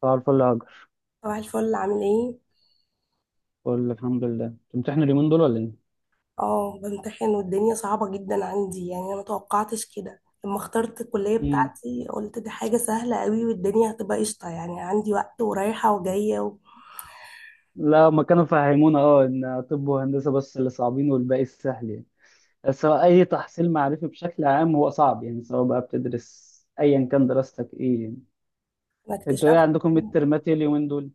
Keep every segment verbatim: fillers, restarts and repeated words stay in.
صباح الفل يا هاجر. صباح الفل، عامل ايه؟ بقول لك الحمد لله، بتمتحن اليومين دول ولا ايه؟ اه، بمتحن والدنيا صعبة جدا عندي. يعني انا متوقعتش كده لما اخترت الكلية امم بتاعتي، قلت دي حاجة سهلة قوي والدنيا هتبقى قشطة، يعني عندي وقت ورايحة وجاية. وانا لا، ما كانوا فهمونا اه ان طب وهندسه بس اللي صعبين والباقي السهل يعني. بس هو اي تحصيل معرفي بشكل عام هو صعب يعني، سواء بقى بتدرس ايا كان دراستك ايه يعني. انتوا ايه اكتشفت عندكم؟ ميد ترمات ايه اليومين دول؟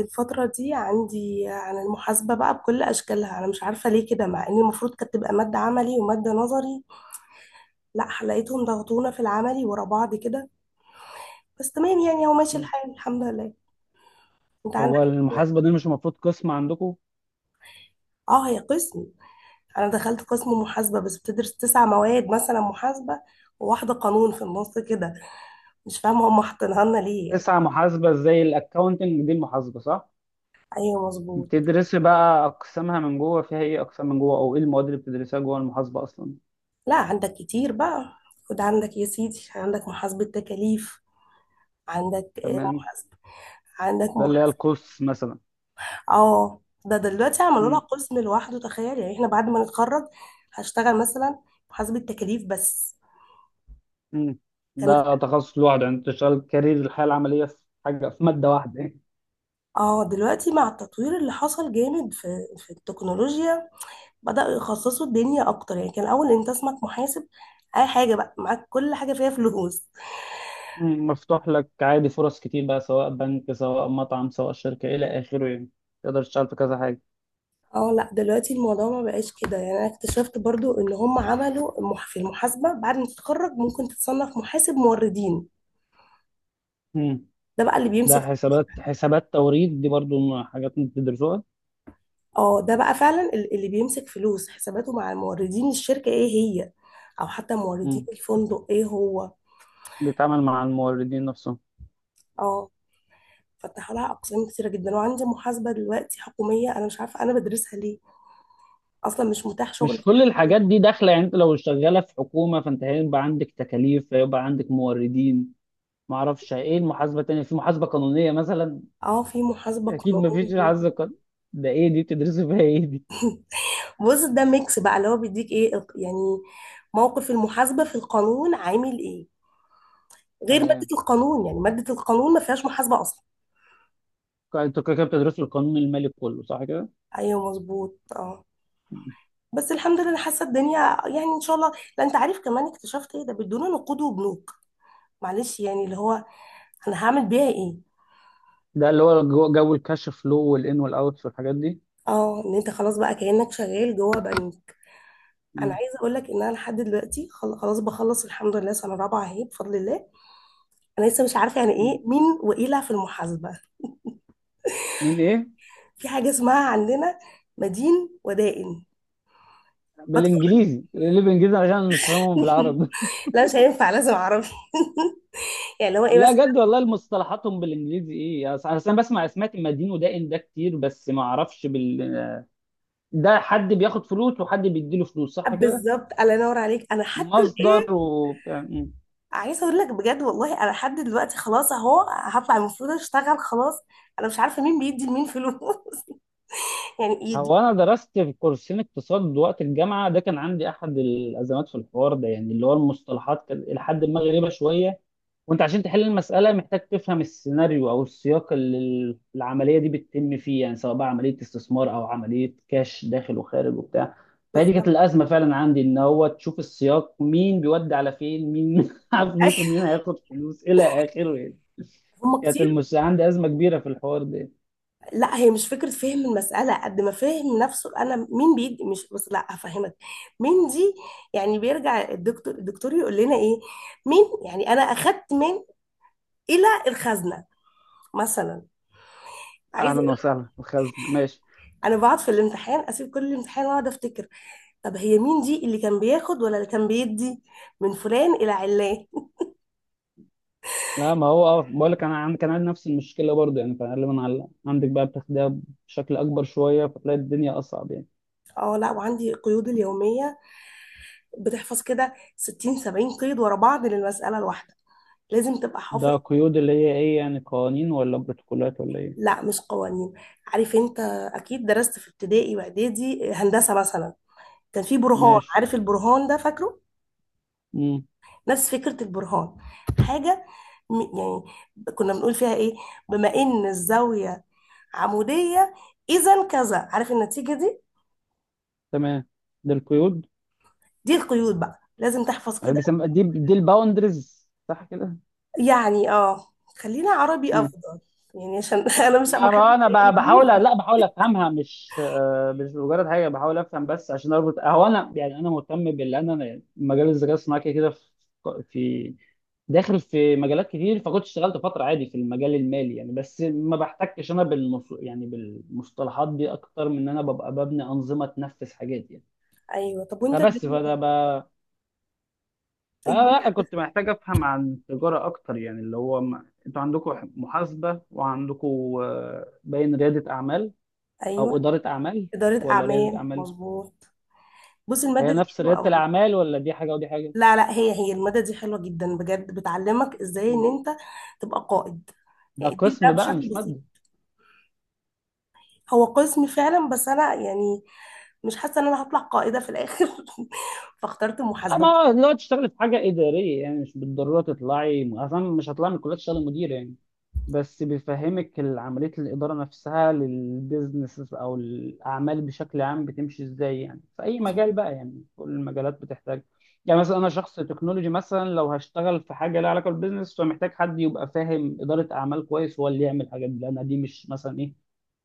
الفترة دي عندي عن المحاسبة بقى بكل أشكالها. أنا مش عارفة ليه كده، مع إن المفروض كانت تبقى مادة عملي ومادة نظري. لا، لقيتهم ضغطونا في العملي ورا بعض كده. بس تمام يعني، هو ماشي مم. الحال الحمد لله. أنت هو عندك؟ المحاسبه دي مش المفروض قسم عندكم؟ اه، هي قسم. انا دخلت قسم محاسبه، بس بتدرس تسع مواد مثلا محاسبه، وواحده قانون في النص كده. مش فاهمه هم حاطينها لنا ليه يعني. تسعة محاسبه، زي الاكونتنج دي المحاسبه صح؟ ايوه مظبوط. بتدرسي بقى اقسامها من جوه، فيها ايه اقسام من جوه او ايه المواد اللي بتدرسها جوه المحاسبه اصلا؟ لا، عندك كتير بقى. خد عندك يا سيدي، عندك محاسبه تكاليف، عندك آه، تمام. محاسبه، عندك ده اللي هي محاسبه. القوس مثلا. اه ده دلوقتي عملوا لها مم. قسم لوحده، تخيل. يعني احنا بعد ما نتخرج هشتغل مثلا محاسبه تكاليف بس. مم. كان، ده تخصص لوحده، يعني انت تشتغل كارير الحياه العمليه في حاجه، في ماده واحده يعني. اه دلوقتي مع التطوير اللي حصل جامد في في التكنولوجيا، بدأوا يخصصوا الدنيا أكتر. يعني كان الأول أنت اسمك محاسب، أي حاجة بقى معاك، كل حاجة فيها فلوس. مم. مفتوح لك عادي فرص كتير بقى، سواء بنك سواء مطعم سواء شركه الى اخره يعني. تقدر تشتغل في كذا حاجه. اه لا، دلوقتي الموضوع ما بقاش كده. يعني أنا اكتشفت برضو إن هم عملوا المح- في المحاسبة، بعد ما تتخرج ممكن تتصنف محاسب موردين. مم. ده بقى اللي ده بيمسك فلوس. حسابات حسابات توريد، دي برضو حاجات انت بتدرسوها. اه، ده بقى فعلا ال- اللي بيمسك فلوس حساباته مع الموردين، الشركة ايه هي، أو حتى موردين مم. الفندق ايه هو. بيتعامل مع الموردين نفسهم. اه، فتحوا لها أقسام كتيرة جدا، وعندي محاسبة دلوقتي حكومية، أنا مش عارفة أنا بدرسها ليه، اصلا مش متاح مش شغل. كل الحاجات دي داخله يعني؟ انت لو شغاله في حكومه فانت هيبقى عندك تكاليف، هيبقى عندك موردين. معرفش ايه المحاسبه التانيه، في محاسبه قانونيه مثلا. اه، في محاسبة اكيد، مفيش قانونية. عز قانون. ده ايه دي، بتدرسوا فيها ايه دي؟ بص، ده ميكس بقى، اللي هو بيديك ايه الق- يعني موقف المحاسبة في القانون عامل ايه، غير مادة تمام. القانون. يعني مادة القانون ما فيهاش محاسبة اصلا. انتوا كده كده بتدرسوا القانون المالي كله، صح كده؟ ايوه مظبوط اه. بس الحمد لله، أنا حاسة الدنيا يعني ان شاء الله. لا انت عارف كمان اكتشفت ايه؟ ده بيدونا نقود وبنوك. معلش يعني اللي هو، انا هعمل بيها ايه؟ ده اللي هو جو جو الكاش فلو والان والاوت والحاجات دي. اه، ان انت خلاص بقى كأنك شغال جوه بنك. انا مم. عايزه اقول لك ان انا لحد دلوقتي، خل- خلاص بخلص الحمد لله، سنه رابعه اهي بفضل الله، انا لسه مش عارفه يعني مم. ايه مين وإيلة في المحاسبه. من ايه؟ في حاجه اسمها عندنا مدين ودائن. بدخل. بالانجليزي، اللي بالانجليزي عشان أنا مش فاهمهم بالعربي لا مش هينفع، لازم اعرف. يعني اللي هو ايه لا بس. جد والله، المصطلحاتهم بالانجليزي ايه؟ أص- اصل انا بسمع، سمعت مدين ودائن ده كتير، بس ما اعرفش بال... ده حد بياخد فلوس وحد بيديله فلوس صح كده. بالظبط، الله ينور عليك. انا حتى مصدر و... الايه، عايزه اقول لك بجد والله، انا لحد دلوقتي خلاص اهو هطلع المفروض اشتغل خلاص، انا مش عارفه مين بيدي لمين فلوس. يعني يدي. هو انا درست في كورسين اقتصاد وقت الجامعه، ده كان عندي احد الازمات في الحوار ده، يعني اللي هو المصطلحات كان الى حد ما غريبه شويه. وانت عشان تحل المساله محتاج تفهم السيناريو او السياق اللي ال- العمليه دي بتتم فيه، يعني سواء بقى عمليه استثمار او عمليه كاش داخل وخارج وبتاع. فدي كانت بالظبط. الازمه فعلا عندي، ان هو تشوف السياق، مين بيودي على فين، مين معاه فلوس أيوة. ومين هياخد فلوس الى اخره يعني. هم كانت كتير. المش عندي ازمه كبيره في الحوار ده. لا، هي مش فكرة فهم المسألة قد ما فهم نفسه. أنا مين بيدي، مش بس، لا هفهمك. مين دي؟ يعني بيرجع الدكتور الدكتور يقول لنا إيه، مين؟ يعني أنا أخدت من، إلى الخزنة مثلا. عايزة اهلا أقول، وسهلا الخزنه، ماشي. أنا بقعد في الامتحان أسيب كل الامتحان وأقعد أفتكر، طب هي مين دي، اللي كان بياخد ولا اللي كان بيدي، من فلان إلى علان. لا ما هو، اه بقول لك انا عن- كان عندي نفس المشكله برضه يعني، فغالبا على عندك بقى بتاخدها بشكل اكبر شويه، فتلاقي الدنيا اصعب يعني. أه، لا وعندي قيود اليومية، بتحفظ كده ستين سبعين قيد ورا بعض للمسألة الواحدة، لازم تبقى حافظ. ده قيود، اللي هي ايه يعني؟ قوانين ولا بروتوكولات ولا ايه؟ لا مش قوانين. عارف انت، اكيد درست في ابتدائي واعدادي هندسه مثلا، كان في برهان، ماشي. عارف البرهان ده، فاكره؟ امم نفس فكره البرهان، حاجه، م- يعني كنا بنقول فيها ايه، بما ان الزاويه عموديه اذا كذا، عارف النتيجه دي. تمام. ده القيود. دي القيود بقى، لازم تحفظ كده. بيسمى دي دي الباوندرز صح كده؟ يعني اه، خلينا عربي افضل يعني، عشان انا مش ما لا خدتش ما انا ب- بحاول، انجليزي. لا بحاول افهمها، مش آه، مش مجرد حاجه بحاول افهم بس عشان اربط. هو انا يعني، انا مهتم باللي انا مجال الذكاء الصناعي كده كده، في في- داخل في مجالات كتير، فكنت اشتغلت فتره عادي في المجال المالي يعني، بس ما بحتكش انا بالمص... يعني بالمصطلحات دي اكتر من ان انا ببقى ببني انظمه تنفذ حاجات يعني. ايوه، طب وانت فبس الدنيا، فده ب... آه لا الدنيا- كنت محتاج افهم عن التجاره اكتر يعني، اللي هو ما... انتوا عندكم محاسبه وعندكم آه، باين رياده اعمال، او ايوه اداره اعمال، اداره ولا رياده اعمال اعمال؟ مظبوط. بص هي الماده دي نفس حلوه رياده قوي. الاعمال، ولا دي حاجه ودي حاجه؟ لا لا، هي هي المادة دي حلوة جدا بجد، بتعلمك ازاي ان مم. انت تبقى قائد. ده يعني دي ده قسم بقى بشكل مش بسيط، ماده. هو قسم فعلا، بس انا يعني مش حاسة ان انا هطلع قائدة في الاخر، فاخترت لا ما محاسبة. هو لو تشتغلي في حاجه اداريه يعني، مش بالضروره تطلعي، اصلا مش هطلع من الكليه تشتغلي مدير يعني. بس بيفهمك ال- عمليه الاداره نفسها للبيزنس او الاعمال بشكل عام بتمشي ازاي يعني، في اي مجال بقى يعني، كل المجالات بتحتاج. يعني مثلا انا شخص تكنولوجي مثلا، لو هشتغل في حاجه لها علاقه بالبيزنس، فمحتاج حد يبقى فاهم اداره اعمال كويس هو اللي يعمل الحاجات دي، لان دي مش مثلا ايه،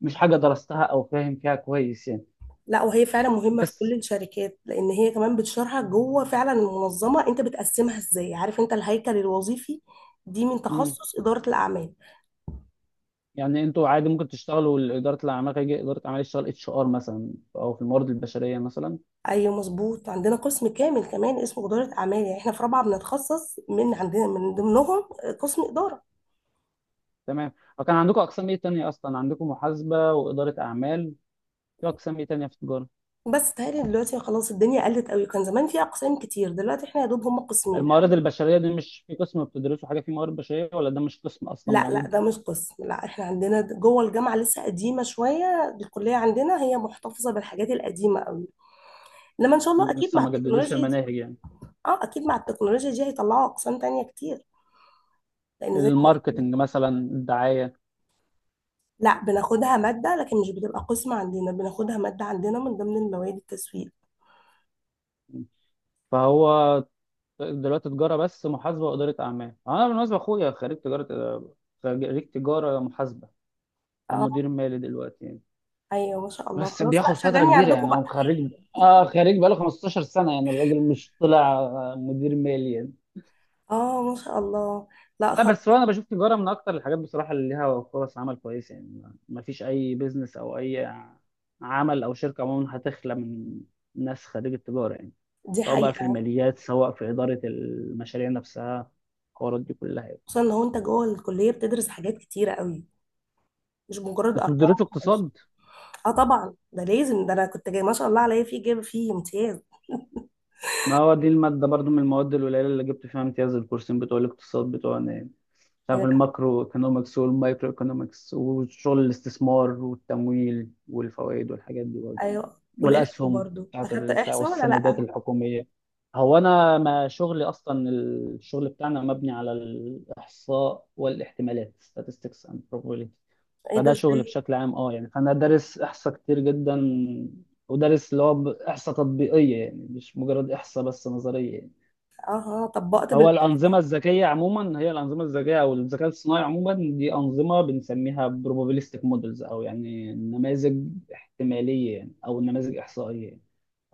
مش حاجة درستها أو فاهم فيها كويس يعني. لا وهي فعلا مهمة في بس كل الشركات، لان هي كمان بتشرحك جوه فعلا المنظمة انت بتقسمها ازاي، عارف انت الهيكل الوظيفي، دي من مم. تخصص إدارة الأعمال. يعني أنتوا عادي ممكن تشتغلوا إدارة الأعمال، هيجي إدارة أعمال يشتغل اتش ار مثلا، أو في الموارد البشرية مثلا. أيوة مظبوط، عندنا قسم كامل كمان اسمه إدارة أعمال. يعني إحنا في رابعة بنتخصص من عندنا، من ضمنهم قسم إدارة. تمام. وكان عندكم أقسام إيه تانية أصلا؟ عندكم محاسبة وإدارة أعمال، في أقسام إيه تانية في التجارة؟ بس تهيألي دلوقتي خلاص الدنيا قلت قوي، كان زمان في اقسام كتير، دلوقتي احنا يا دوب هم قسمين الموارد الحمد لله. البشرية دي مش في قسم، بتدرسوا حاجة في موارد بشرية، ولا ده مش قسم أصلا لا لا، موجود؟ ده مش قسم. لا احنا عندنا د- جوه الجامعه لسه قديمه شويه، الكليه عندنا هي محتفظه بالحاجات القديمه قوي. انما ان شاء الله مم، اكيد لسه مع ما جددوش التكنولوجيا دي، المناهج يعني. اه اكيد مع التكنولوجيا دي هيطلعوا اقسام تانية كتير، لان زي ما قلت لك. الماركتنج مثلا، الدعاية. لا بناخدها ماده، لكن مش بتبقى قسم عندنا، بناخدها ماده عندنا من ضمن المواد التسويق. فهو دلوقتي تجاره بس محاسبه واداره اعمال. انا بالمناسبه اخويا خريج تجاره، خريج تجاره محاسبه. هو مدير اه. مالي دلوقتي يعني. ايوه ما شاء الله، بس خلاص لا بياخد فتره شغلني كبيره عندكم يعني، بقى. هو خريج اه خريج بقاله خمسة عشر سنه يعني، الراجل مش طلع آه، مدير مالي يعني. اه ما شاء الله. لا لا بس هو خلاص. انا بشوف تجاره من اكتر الحاجات بصراحه اللي ليها فرص عمل كويسه يعني، ما ما فيش اي بيزنس او اي عمل او شركه عموما هتخلى من ناس خريج التجاره يعني، دي سواء بقى في حقيقه. الماليات سواء في اداره المشاريع نفسها، الحوارات دي كلها يعني. خصوصا لو انت جوه الكليه بتدرس حاجات كتيره قوي، مش مجرد انتوا ما ارقام بتدرسوا وخلاص. اقتصاد؟ اه طبعا ده لازم، ده انا كنت جاي ما شاء الله عليا فيه، جايبه فيه امتياز. ما هو دي المادة برضو من المواد القليلة اللي جبت فيها امتياز، الكورسين بتوع الاقتصاد بتوعنا، مش عارف، آه، الماكرو ايكونومكس والمايكرو ايكونومكس، وشغل الاستثمار والتمويل والفوائد والحاجات دي برضه، ايوه، والاحصاء والاسهم برضو، بتاعت اخدت ال- بتاع احصاء ولا والسندات لا؟ الحكوميه. هو انا ما شغلي اصلا، الشغل بتاعنا مبني على الاحصاء والاحتمالات، statistics and probability، ايه ده، فده شغل ازاي؟ بشكل عام اه يعني. فانا دارس احصاء كتير جدا، ودارس اللي هو ب- احصاء تطبيقيه يعني، مش مجرد احصاء بس نظريه يعني. اها طبقت هو الانظمه بالاحصاء. الذكيه عموما، هي الانظمه الذكيه او الذكاء الصناعي عموما دي انظمه بنسميها probabilistic models، او يعني نماذج احتماليه يعني، او نماذج احصائيه يعني.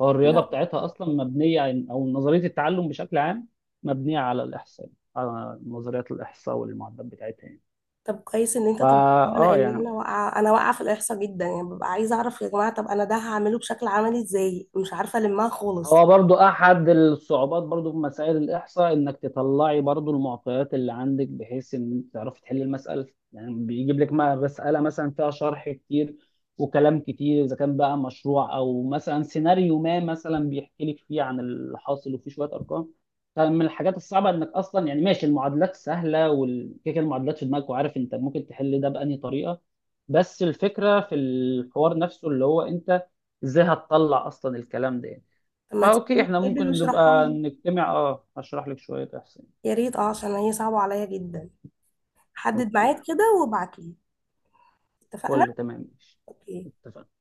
هو الرياضه لا. بتاعتها اصلا مبنيه عن- او نظريه التعلم بشكل عام مبنيه على الاحصاء، على نظريات الاحصاء والمعدات بتاعتها يعني. طب كويس ان انت فا طبقتها، اه لان يعني انا واقعه، انا واقعه في الاحصاء جدا يعني. ببقى عايزه اعرف يا جماعه، طب انا ده هعمله بشكل عملي ازاي، مش عارفه المها خالص. هو برضو احد الصعوبات برضو في مسائل الاحصاء، انك تطلعي برضو المعطيات اللي عندك بحيث ان تعرفي تحلي المساله. يعني بيجيب لك ما- مساله مثلا فيها شرح كتير وكلام كتير، اذا كان بقى مشروع او مثلا سيناريو ما، مثلا بيحكي لك فيه عن اللي حاصل وفيه شويه ارقام. فمن الحاجات الصعبه انك اصلا يعني، ماشي المعادلات سهله والكيكه، المعادلات في دماغك وعارف انت ممكن تحل ده بأنهي طريقه، بس الفكره في الحوار نفسه اللي هو انت ازاي هتطلع اصلا الكلام ده يعني. طب ما تيجي فاوكي، احنا نتقابل ممكن واشرحها نبقى لي. نجتمع، اه هشرح لك شوية احسن. يا ريت، اه عشان هي صعبه عليا جدا. حدد اوكي، ميعاد كده وابعت لي. اتفقنا. فل تمام ماشي. Ok. اتفقنا.